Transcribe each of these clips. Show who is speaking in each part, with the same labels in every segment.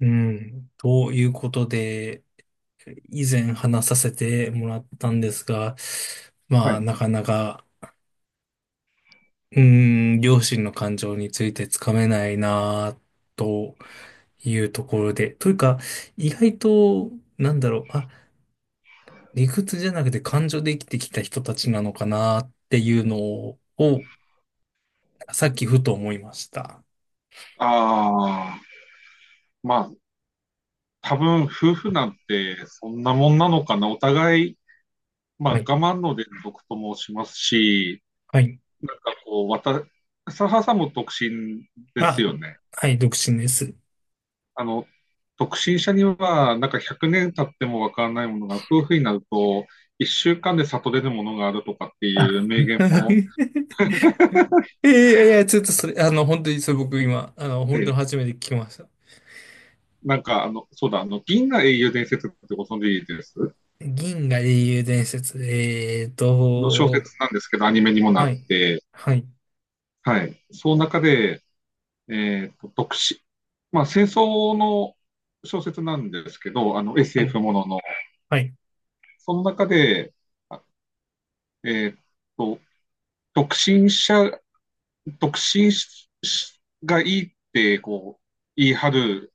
Speaker 1: うん。ということで、以前話させてもらったんですが、ま
Speaker 2: は
Speaker 1: あ、
Speaker 2: い。
Speaker 1: なかなか、うん、両親の感情についてつかめないな、というところで。というか、意外と、なんだろう、あ、理屈じゃなくて感情で生きてきた人たちなのかな、っていうのをさっきふと思いました。
Speaker 2: ああ、まあ、多分夫婦なんてそんなもんなのかな。お互い、まあ、
Speaker 1: は
Speaker 2: 我
Speaker 1: い。
Speaker 2: 慢の連続と申しますし、
Speaker 1: はい。
Speaker 2: なんかこう、サハさんも独身です
Speaker 1: あ、
Speaker 2: よね。
Speaker 1: はい、独身です。
Speaker 2: あの、独身者には、なんか100年経ってもわからないものが、夫婦になると、1週間で悟れるものがあるとかって
Speaker 1: あ
Speaker 2: いう名言も。
Speaker 1: えーいやいや、ちょっとそれ、あの、本当にそれ僕今、あの、本
Speaker 2: え
Speaker 1: 当
Speaker 2: え。
Speaker 1: に初めて聞きました。
Speaker 2: なんか、そうだ、銀河英雄伝説ってご存知です？
Speaker 1: 銀河英雄伝説。えー
Speaker 2: あの小説
Speaker 1: と、
Speaker 2: なんですけど、アニメにもな
Speaker 1: は
Speaker 2: っ
Speaker 1: い、
Speaker 2: て。
Speaker 1: はい、
Speaker 2: はい。その中で、特殊。まあ、戦争の小説なんですけど、
Speaker 1: はい、
Speaker 2: SF ものの。
Speaker 1: はい、
Speaker 2: その中で、あえっと、独身者、独身がいいって、こう、言い張る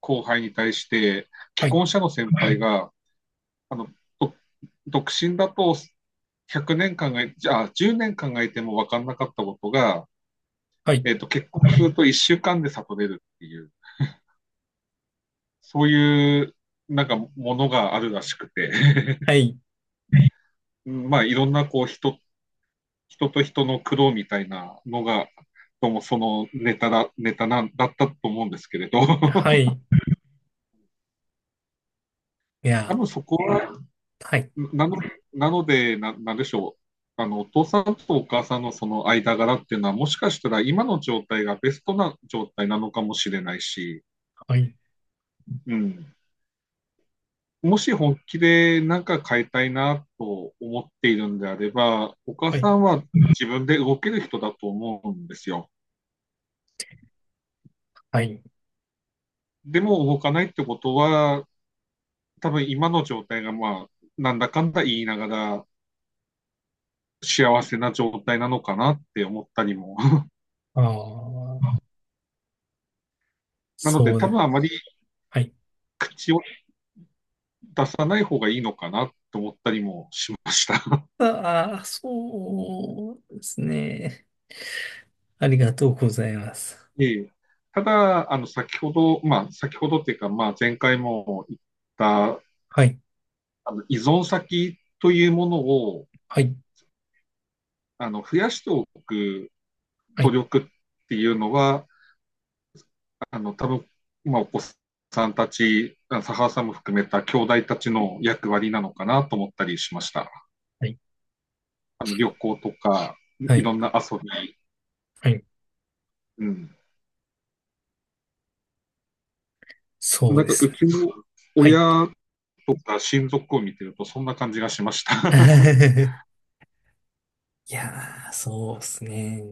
Speaker 2: 後輩に対して、
Speaker 1: は
Speaker 2: 既
Speaker 1: い、
Speaker 2: 婚者の先輩が、あの、と独身だと1 0年考え、じゃあ、10年考えても分かんなかったことが、
Speaker 1: はい、
Speaker 2: 結婚すると1週間で悟れるっていう。そういうなんかものがあるらしくて、
Speaker 1: はい、
Speaker 2: まあいろんなこう人と人の苦労みたいなのが、どうもそのネタなんだったと思うんですけれど、
Speaker 1: は い、い
Speaker 2: 多
Speaker 1: や、
Speaker 2: 分そこは、
Speaker 1: はい、
Speaker 2: なのなんでしょう。お父さんとお母さんのその間柄っていうのは、もしかしたら今の状態がベストな状態なのかもしれないし。
Speaker 1: はい、
Speaker 2: うん。もし本気で何か変えたいなと思っているんであれば、お母
Speaker 1: は
Speaker 2: さ
Speaker 1: い、
Speaker 2: んは自分で動ける人だと思うんですよ。
Speaker 1: はい、
Speaker 2: でも動かないってことは、多分今の状態がまあ、なんだかんだ言いながら幸せな状態なのかなって思ったりも。
Speaker 1: ああ、
Speaker 2: なので
Speaker 1: そうで
Speaker 2: 多分
Speaker 1: す。
Speaker 2: あまり
Speaker 1: はい。
Speaker 2: 口を出さない方がいいのかなと思ったりもしました。
Speaker 1: ああ、そうですね。ありがとうございます。
Speaker 2: ええ。ただ、先ほど、まあ、先ほどっていうか、まあ、前回も言った
Speaker 1: はい、
Speaker 2: 依存先というものを
Speaker 1: はい、
Speaker 2: 増やしておく
Speaker 1: は
Speaker 2: 努
Speaker 1: い、
Speaker 2: 力っていうのは、多分今お子さんたち、佐原さんも含めた兄弟たちの役割なのかなと思ったりしました。
Speaker 1: はい、
Speaker 2: 旅行とか、
Speaker 1: は
Speaker 2: い
Speaker 1: い、
Speaker 2: ろんな遊び。
Speaker 1: はい、
Speaker 2: うん。
Speaker 1: そう
Speaker 2: なん
Speaker 1: で
Speaker 2: か
Speaker 1: す
Speaker 2: う
Speaker 1: ね。
Speaker 2: ちの
Speaker 1: はい。
Speaker 2: 親とか親族を見てると、そんな感じがしました。
Speaker 1: いやー、そうですね。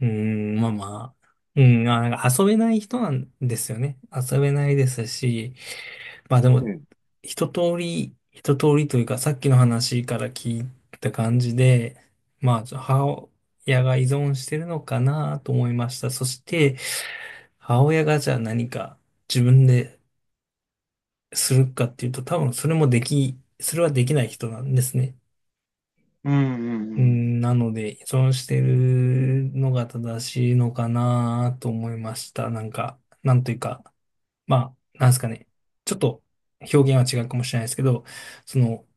Speaker 1: うーん、まあまあ。うん、まあ、なんか遊べない人なんですよね。遊べないですし、まあで
Speaker 2: う
Speaker 1: も、
Speaker 2: ん、
Speaker 1: 一通りというか、さっきの話から聞いた感じで、まあ、母親が依存してるのかなと思いました。そして、母親がじゃあ何か自分でするかっていうと、多分それもでき、それはできない人なんですね。
Speaker 2: うん、う
Speaker 1: う
Speaker 2: ん、
Speaker 1: ん、なので、依存してるのが正しいのかなと思いました。なんか、なんというか、まあ、なんですかね。ちょっと表現は違うかもしれないですけど、その、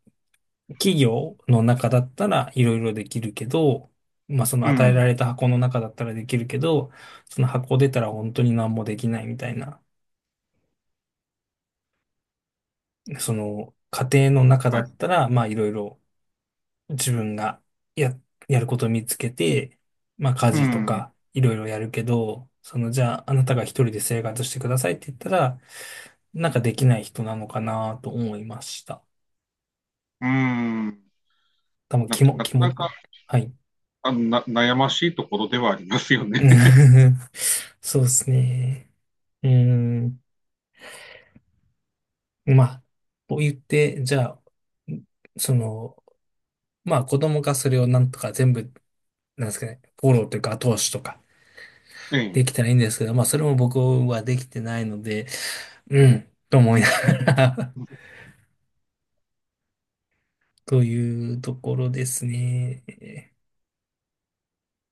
Speaker 1: 企業の中だったらいろいろできるけど、まあ、その
Speaker 2: うん。う
Speaker 1: 与えら
Speaker 2: ん、
Speaker 1: れた箱の中だったらできるけど、その箱出たら本当に何もできないみたいな、その、家庭の中だ
Speaker 2: はい。
Speaker 1: ったら、まあ、いろいろ自分がや、やることを見つけて、まあ家
Speaker 2: う
Speaker 1: 事と
Speaker 2: ん、
Speaker 1: かいろいろやるけど、そのじゃああなたが一人で生活してくださいって言ったら、なんかできない人なのかなと思いました。
Speaker 2: うん。
Speaker 1: 多分気も、
Speaker 2: な
Speaker 1: 気
Speaker 2: かな
Speaker 1: も、
Speaker 2: か
Speaker 1: はい。
Speaker 2: あのな悩ましいところではありますよね。
Speaker 1: そうですね。うーん。まあ、と言って、じゃあ、その、まあ子供がそれをなんとか全部、なんですかね、フォローというか後押しとか
Speaker 2: え
Speaker 1: でき
Speaker 2: え。
Speaker 1: たらいいんですけど、まあそれも僕はできてないので、うん、と思いながら というところですね。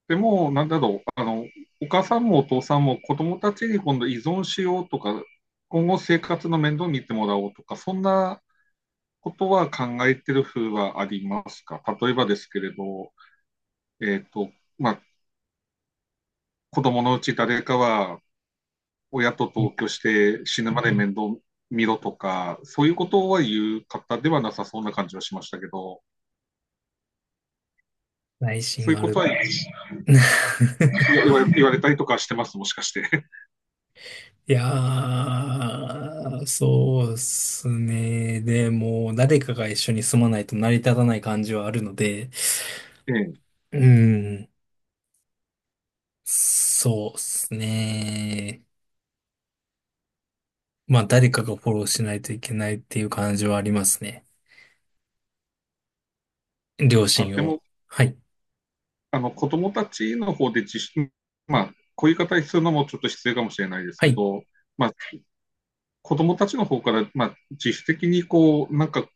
Speaker 2: でも、なんだろう、お母さんもお父さんも子供たちに今度依存しようとか、今後生活の面倒を見てもらおうとか、そんなことは考えてる風はありますか？例えばですけれど、えっと、まあ、子供のうち誰かは親と同居して死ぬまで面倒見ろとか、そういうことは言う方ではなさそうな感じはしましたけど、
Speaker 1: 内
Speaker 2: そう
Speaker 1: 心
Speaker 2: いう
Speaker 1: あ
Speaker 2: こと
Speaker 1: る。
Speaker 2: は 言われたりとかしてます、もしかして？
Speaker 1: いやー、そうっすね。でも、誰かが一緒に住まないと成り立たない感じはあるので、
Speaker 2: ええ。
Speaker 1: うん、そうっすね。まあ、誰かがフォローしないといけないっていう感じはありますね。両親
Speaker 2: でも、
Speaker 1: を。はい、
Speaker 2: 子供たちの方でまあ、こういう言い方するのもちょっと失礼かもしれないです
Speaker 1: は
Speaker 2: け
Speaker 1: い、
Speaker 2: ど、まあ、子供たちの方から、まあ、自主的にこう、なんか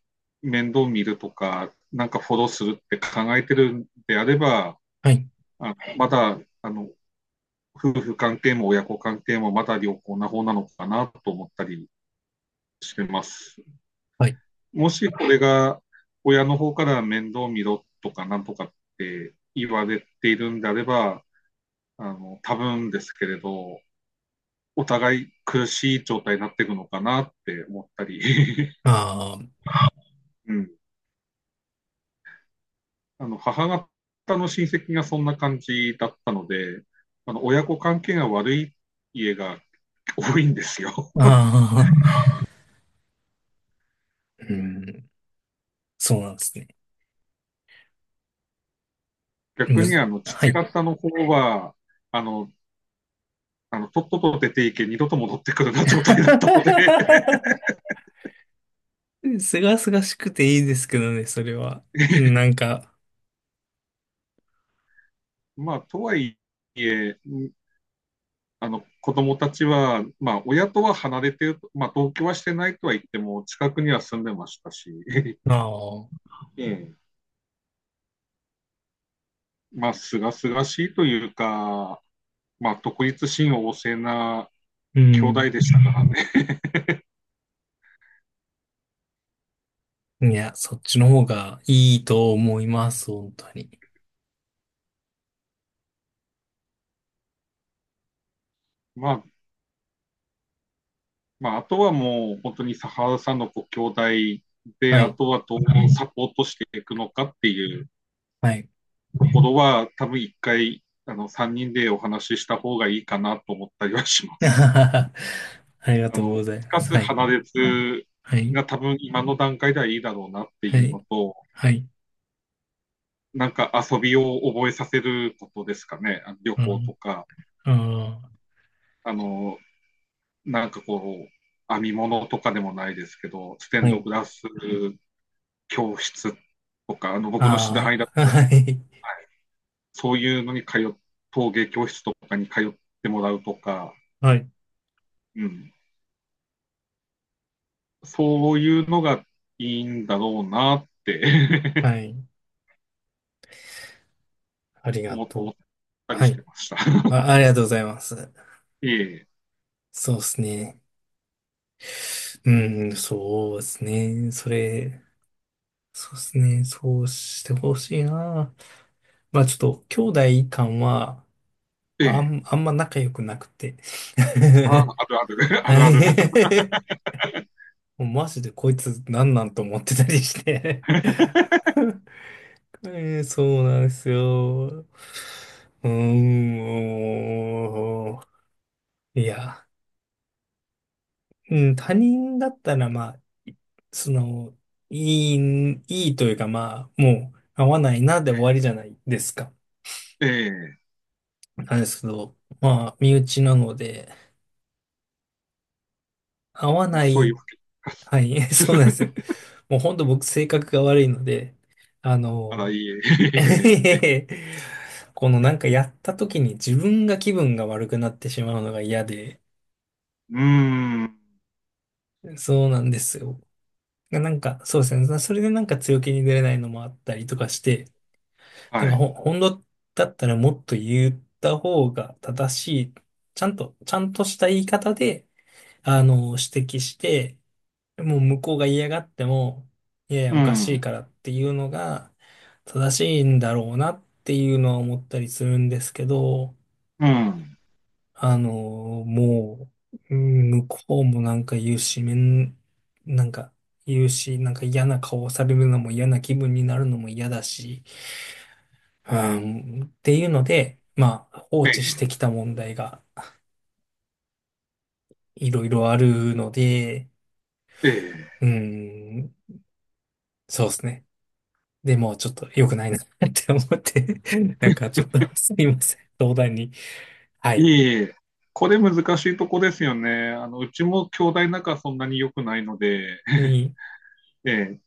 Speaker 2: 面倒見るとか、なんかフォローするって考えてるんであれば、
Speaker 1: はい、
Speaker 2: まだ、夫婦関係も親子関係もまだ良好な方なのかなと思ったりしてます。
Speaker 1: はい。
Speaker 2: もしこれが親の方から面倒見ろとかなんとかって言われているんであれば、多分ですけれど、お互い苦しい状態になっていくのかなって思ったり。
Speaker 1: あー、
Speaker 2: うん。母方の親戚がそんな感じだったので、親子関係が悪い家が多いんですよ。
Speaker 1: あー、うんそうなんですね。
Speaker 2: 逆
Speaker 1: む
Speaker 2: に
Speaker 1: ず、は
Speaker 2: 父
Speaker 1: い。
Speaker 2: 方の方は、あの、とっとと出ていけ、二度と戻ってくるな状態だったので、
Speaker 1: すがすがしくていいですけどね、それは。うんなんか、
Speaker 2: まあ、とはいえ、子供たちは、まあ、親とは離れてる、まあ、同居はしてないとは言っても、近くには住んでましたし、
Speaker 1: ああ、
Speaker 2: ええ。まあ、すがすがしいというか、まあ、独立心旺盛な
Speaker 1: う
Speaker 2: 兄弟
Speaker 1: ん。
Speaker 2: でしたからね。
Speaker 1: いや、そっちの方がいいと思います、本当に。
Speaker 2: まあ、まあ、あとはもう、本当に佐原さんのご兄弟で、
Speaker 1: は
Speaker 2: あ
Speaker 1: い、
Speaker 2: とはどうサポートしていくのかっていう
Speaker 1: はい。
Speaker 2: ところは、多分一回、3人でお話しした方がいいかなと思ったりはしま す。
Speaker 1: ありが
Speaker 2: あ
Speaker 1: とうご
Speaker 2: の、
Speaker 1: ざいま
Speaker 2: か
Speaker 1: す。
Speaker 2: つ
Speaker 1: はい、
Speaker 2: 鼻熱
Speaker 1: はい、
Speaker 2: が多分今の段階ではいいだろうなって
Speaker 1: は
Speaker 2: いうの
Speaker 1: い、
Speaker 2: と、
Speaker 1: はい。
Speaker 2: なんか遊びを覚えさせることですかね。旅
Speaker 1: う
Speaker 2: 行と
Speaker 1: ん、
Speaker 2: か、
Speaker 1: あー
Speaker 2: あの、なんかこう、編み物とかでもないですけど、ステ
Speaker 1: は
Speaker 2: ンド
Speaker 1: い。
Speaker 2: グラス教室とか、僕の知り合
Speaker 1: あ
Speaker 2: いだ
Speaker 1: あ、
Speaker 2: と、
Speaker 1: はい、
Speaker 2: そういうのに陶芸教室とかに通ってもらうとか、
Speaker 1: はい、
Speaker 2: うん、そういうのがいいんだろうなって
Speaker 1: はい。あり が
Speaker 2: 思っ
Speaker 1: とう。
Speaker 2: たり
Speaker 1: は
Speaker 2: して
Speaker 1: い。
Speaker 2: ました。
Speaker 1: あ、ありがとうございます。
Speaker 2: いえいえ。
Speaker 1: そうですね。うん、そうですね。それ、そうですね。そうしてほしいな。まあちょっと、兄弟間は、
Speaker 2: ええ。
Speaker 1: あんま仲良くなくて。
Speaker 2: ああ、あるある、あ
Speaker 1: は
Speaker 2: るあるだ。
Speaker 1: い。もうマジでこいつなんなんと思ってたりして えーそうなんですよ。うーん。いや。うん、他人だったら、まあ、いその、いいというか、まあ、もう、合わないなで終わりじゃないですか。
Speaker 2: ええ。
Speaker 1: なんですけど、まあ、身内なので、合わ
Speaker 2: まあ、
Speaker 1: な
Speaker 2: そういう
Speaker 1: い、
Speaker 2: わけです。
Speaker 1: はい、そうなんです。もう本当僕性格が悪いので、あ
Speaker 2: あら、い
Speaker 1: の、
Speaker 2: いえ。ええ。
Speaker 1: このなんかやった時に自分が気分が悪くなってしまうのが嫌で、
Speaker 2: うーん。
Speaker 1: そうなんですよ。なんか、そうですね。それでなんか強気に出れないのもあったりとかして、だか
Speaker 2: は
Speaker 1: ら
Speaker 2: い。
Speaker 1: ほ、本当だったらもっと言った方が正しい、ちゃんとした言い方で、あの、指摘して、もう向こうが嫌がっても、いやいや、
Speaker 2: う
Speaker 1: おかしい
Speaker 2: ん。
Speaker 1: からっていうのが正しいんだろうなっていうのは思ったりするんですけど、
Speaker 2: うん。
Speaker 1: あの、もう、うん向こうもなんか言うし、なんか言うし、なんか嫌な顔をされるのも嫌な気分になるのも嫌だし、うん、っていうので、まあ、放
Speaker 2: え
Speaker 1: 置して
Speaker 2: え。
Speaker 1: きた問題がいろいろあるので、
Speaker 2: え
Speaker 1: うん、そうですね。でも、ちょっと良くないな って思って、なんかちょっとすみません。相談に。は
Speaker 2: え。い
Speaker 1: い。
Speaker 2: えいえ。これ難しいとこですよね。うちも兄弟仲そんなに良くないので、
Speaker 1: に、
Speaker 2: ええ。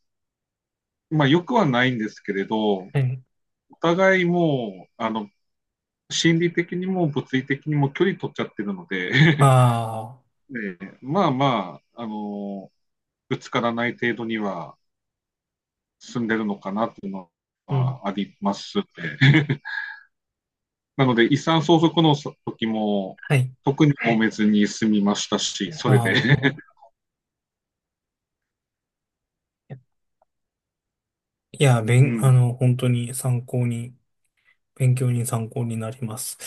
Speaker 2: まあ、良くはないんですけれど、
Speaker 1: はい。
Speaker 2: お互いもう、心理的にも物理的にも距離取っちゃってるので、
Speaker 1: ああ、
Speaker 2: ええ。まあまあ、ぶつからない程度には進んでるのかなっていうの
Speaker 1: うん、
Speaker 2: はありますね。なので、遺産相続の時も、
Speaker 1: はい。
Speaker 2: 特に揉めずに済みましたし、そ
Speaker 1: あ
Speaker 2: れで、
Speaker 1: あ、
Speaker 2: う
Speaker 1: あ
Speaker 2: ん。
Speaker 1: の、本当に参考に、勉強に参考になります。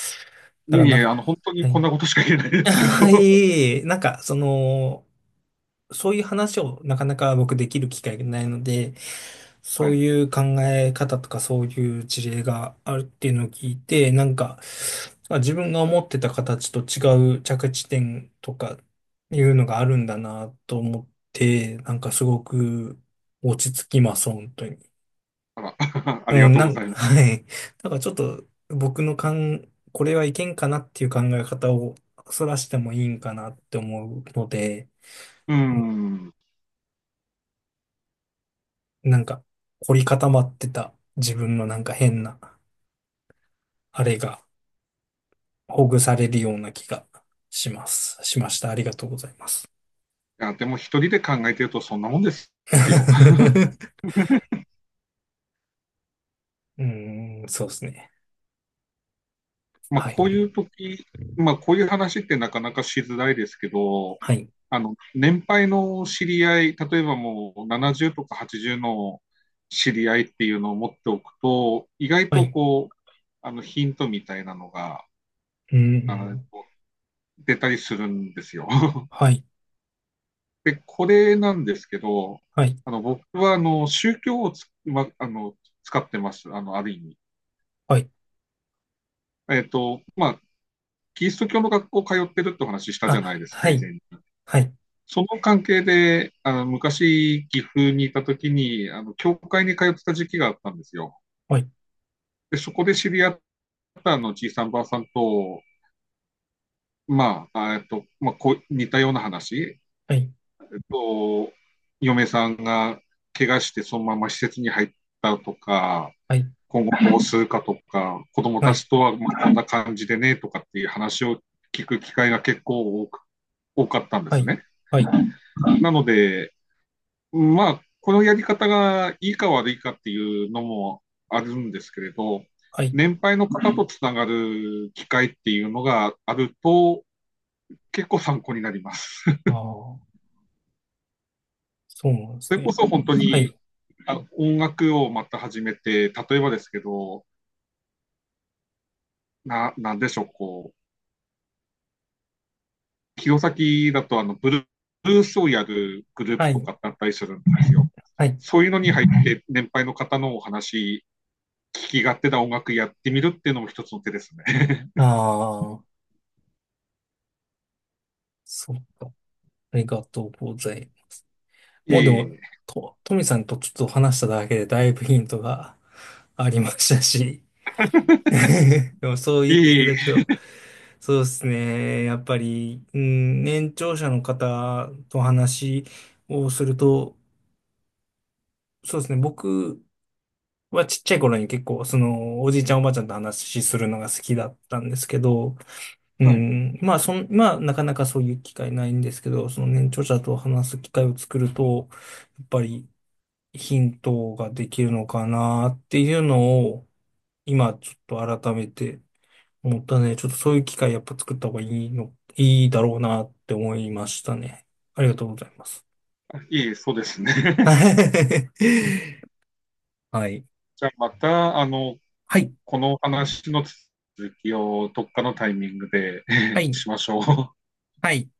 Speaker 1: だか
Speaker 2: いえ
Speaker 1: ら、
Speaker 2: い
Speaker 1: なん
Speaker 2: え、
Speaker 1: か、
Speaker 2: 本当
Speaker 1: は
Speaker 2: にこ
Speaker 1: い。
Speaker 2: んなことしか言えないで すけど、
Speaker 1: は い。なんか、その、そういう話をなかなか僕できる機会がないので、
Speaker 2: は
Speaker 1: そう
Speaker 2: い。
Speaker 1: いう考え方とかそういう事例があるっていうのを聞いて、なんか、まあ自分が思ってた形と違う着地点とかいうのがあるんだなと思って、なんかすごく落ち着きます、本当に。
Speaker 2: あら あ
Speaker 1: う
Speaker 2: りが
Speaker 1: ん、
Speaker 2: とう
Speaker 1: な
Speaker 2: ご
Speaker 1: ん、
Speaker 2: ざ います。
Speaker 1: はい。だからちょっと僕の感、これはいけんかなっていう考え方をそらしてもいいんかなって思うので、
Speaker 2: うん。
Speaker 1: なんか凝り固まってた自分のなんか変な、あれがほぐされるような気がします。しました。ありがとうございます。
Speaker 2: いや、でも一人で考えてるとそんなもんですよ。
Speaker 1: うーん、そうですね。
Speaker 2: まあ、
Speaker 1: は
Speaker 2: こうい
Speaker 1: い。
Speaker 2: う時、まあ、こういう話ってなかなかしづらいですけど、
Speaker 1: はい。
Speaker 2: 年配の知り合い、例えばもう70とか80の知り合いっていうのを持っておくと、意外
Speaker 1: は
Speaker 2: と
Speaker 1: い。
Speaker 2: こう、ヒントみたいなのが、
Speaker 1: う
Speaker 2: あ
Speaker 1: ー
Speaker 2: の、
Speaker 1: ん。
Speaker 2: 出たりするんですよ。
Speaker 1: はい。
Speaker 2: で、これなんですけど、
Speaker 1: はい。
Speaker 2: 僕は、宗教をつ、ま、あの、使ってます。ある意味。
Speaker 1: はい。
Speaker 2: まあ、キリスト教の学校通ってるってお話したじゃない
Speaker 1: あ、
Speaker 2: ですか、
Speaker 1: は
Speaker 2: 以
Speaker 1: い。
Speaker 2: 前に。
Speaker 1: はい。
Speaker 2: その関係で、昔、岐阜にいた時に、教会に通ってた時期があったんですよ。
Speaker 1: はい。
Speaker 2: で、そこで知り合ったじいさんばあさんと、まあ、まあ、こう、似たような話、
Speaker 1: はい。
Speaker 2: えっと、嫁さんが怪我してそのまま施設に入ったとか、
Speaker 1: はい。
Speaker 2: 今後どうするかとか、子供
Speaker 1: は
Speaker 2: た
Speaker 1: い。
Speaker 2: ちとはまあこんな感じでね、とかっていう話を聞く機会が結構多かったんで
Speaker 1: は
Speaker 2: す
Speaker 1: い。
Speaker 2: ね。
Speaker 1: はい。
Speaker 2: なので、まあ、このやり方がいいか悪いかっていうのもあるんですけれど、
Speaker 1: はい。
Speaker 2: 年配の方とつながる機会っていうのがあると、結構参考になります。
Speaker 1: ああ、そうなんです
Speaker 2: それこ
Speaker 1: ね。
Speaker 2: そ本当
Speaker 1: は
Speaker 2: に
Speaker 1: い。
Speaker 2: 音楽をまた始めて、例えばですけど、なんでしょう、こう、弘前だとあのブルースをやるグルー
Speaker 1: は
Speaker 2: プと
Speaker 1: い。
Speaker 2: かだったりするんですよ。
Speaker 1: はい。
Speaker 2: そういうのに入って、年配の方のお話、聞き勝手な音楽やってみるっていうのも一つの手ですね。
Speaker 1: ああ、そっか。ありがとうございます。
Speaker 2: い
Speaker 1: もうで
Speaker 2: え
Speaker 1: も、
Speaker 2: い
Speaker 1: トミさんとちょっと話しただけでだいぶヒントがありましたし、でもそう
Speaker 2: え、
Speaker 1: 言ってい
Speaker 2: いえ
Speaker 1: た
Speaker 2: い
Speaker 1: だくと、そうですね。やっぱり、うん、年長者の方と話をすると、そうですね。僕はちっちゃい頃に結構、その、おじいちゃんおばあちゃんと話しするのが好きだったんですけど、う
Speaker 2: はい。
Speaker 1: ん、まあ、そん、まあ、なかなかそういう機会ないんですけど、その年長者と話す機会を作ると、やっぱり、ヒントができるのかなっていうのを、今ちょっと改めて思ったね。ちょっとそういう機会やっぱ作った方がいいいいだろうなって思いましたね。ありがとうございます。
Speaker 2: いい、そうですね。
Speaker 1: はい。
Speaker 2: じゃあまた、
Speaker 1: はい。
Speaker 2: この話の続きをどっかのタイミングで
Speaker 1: は い。
Speaker 2: しましょう。
Speaker 1: はい。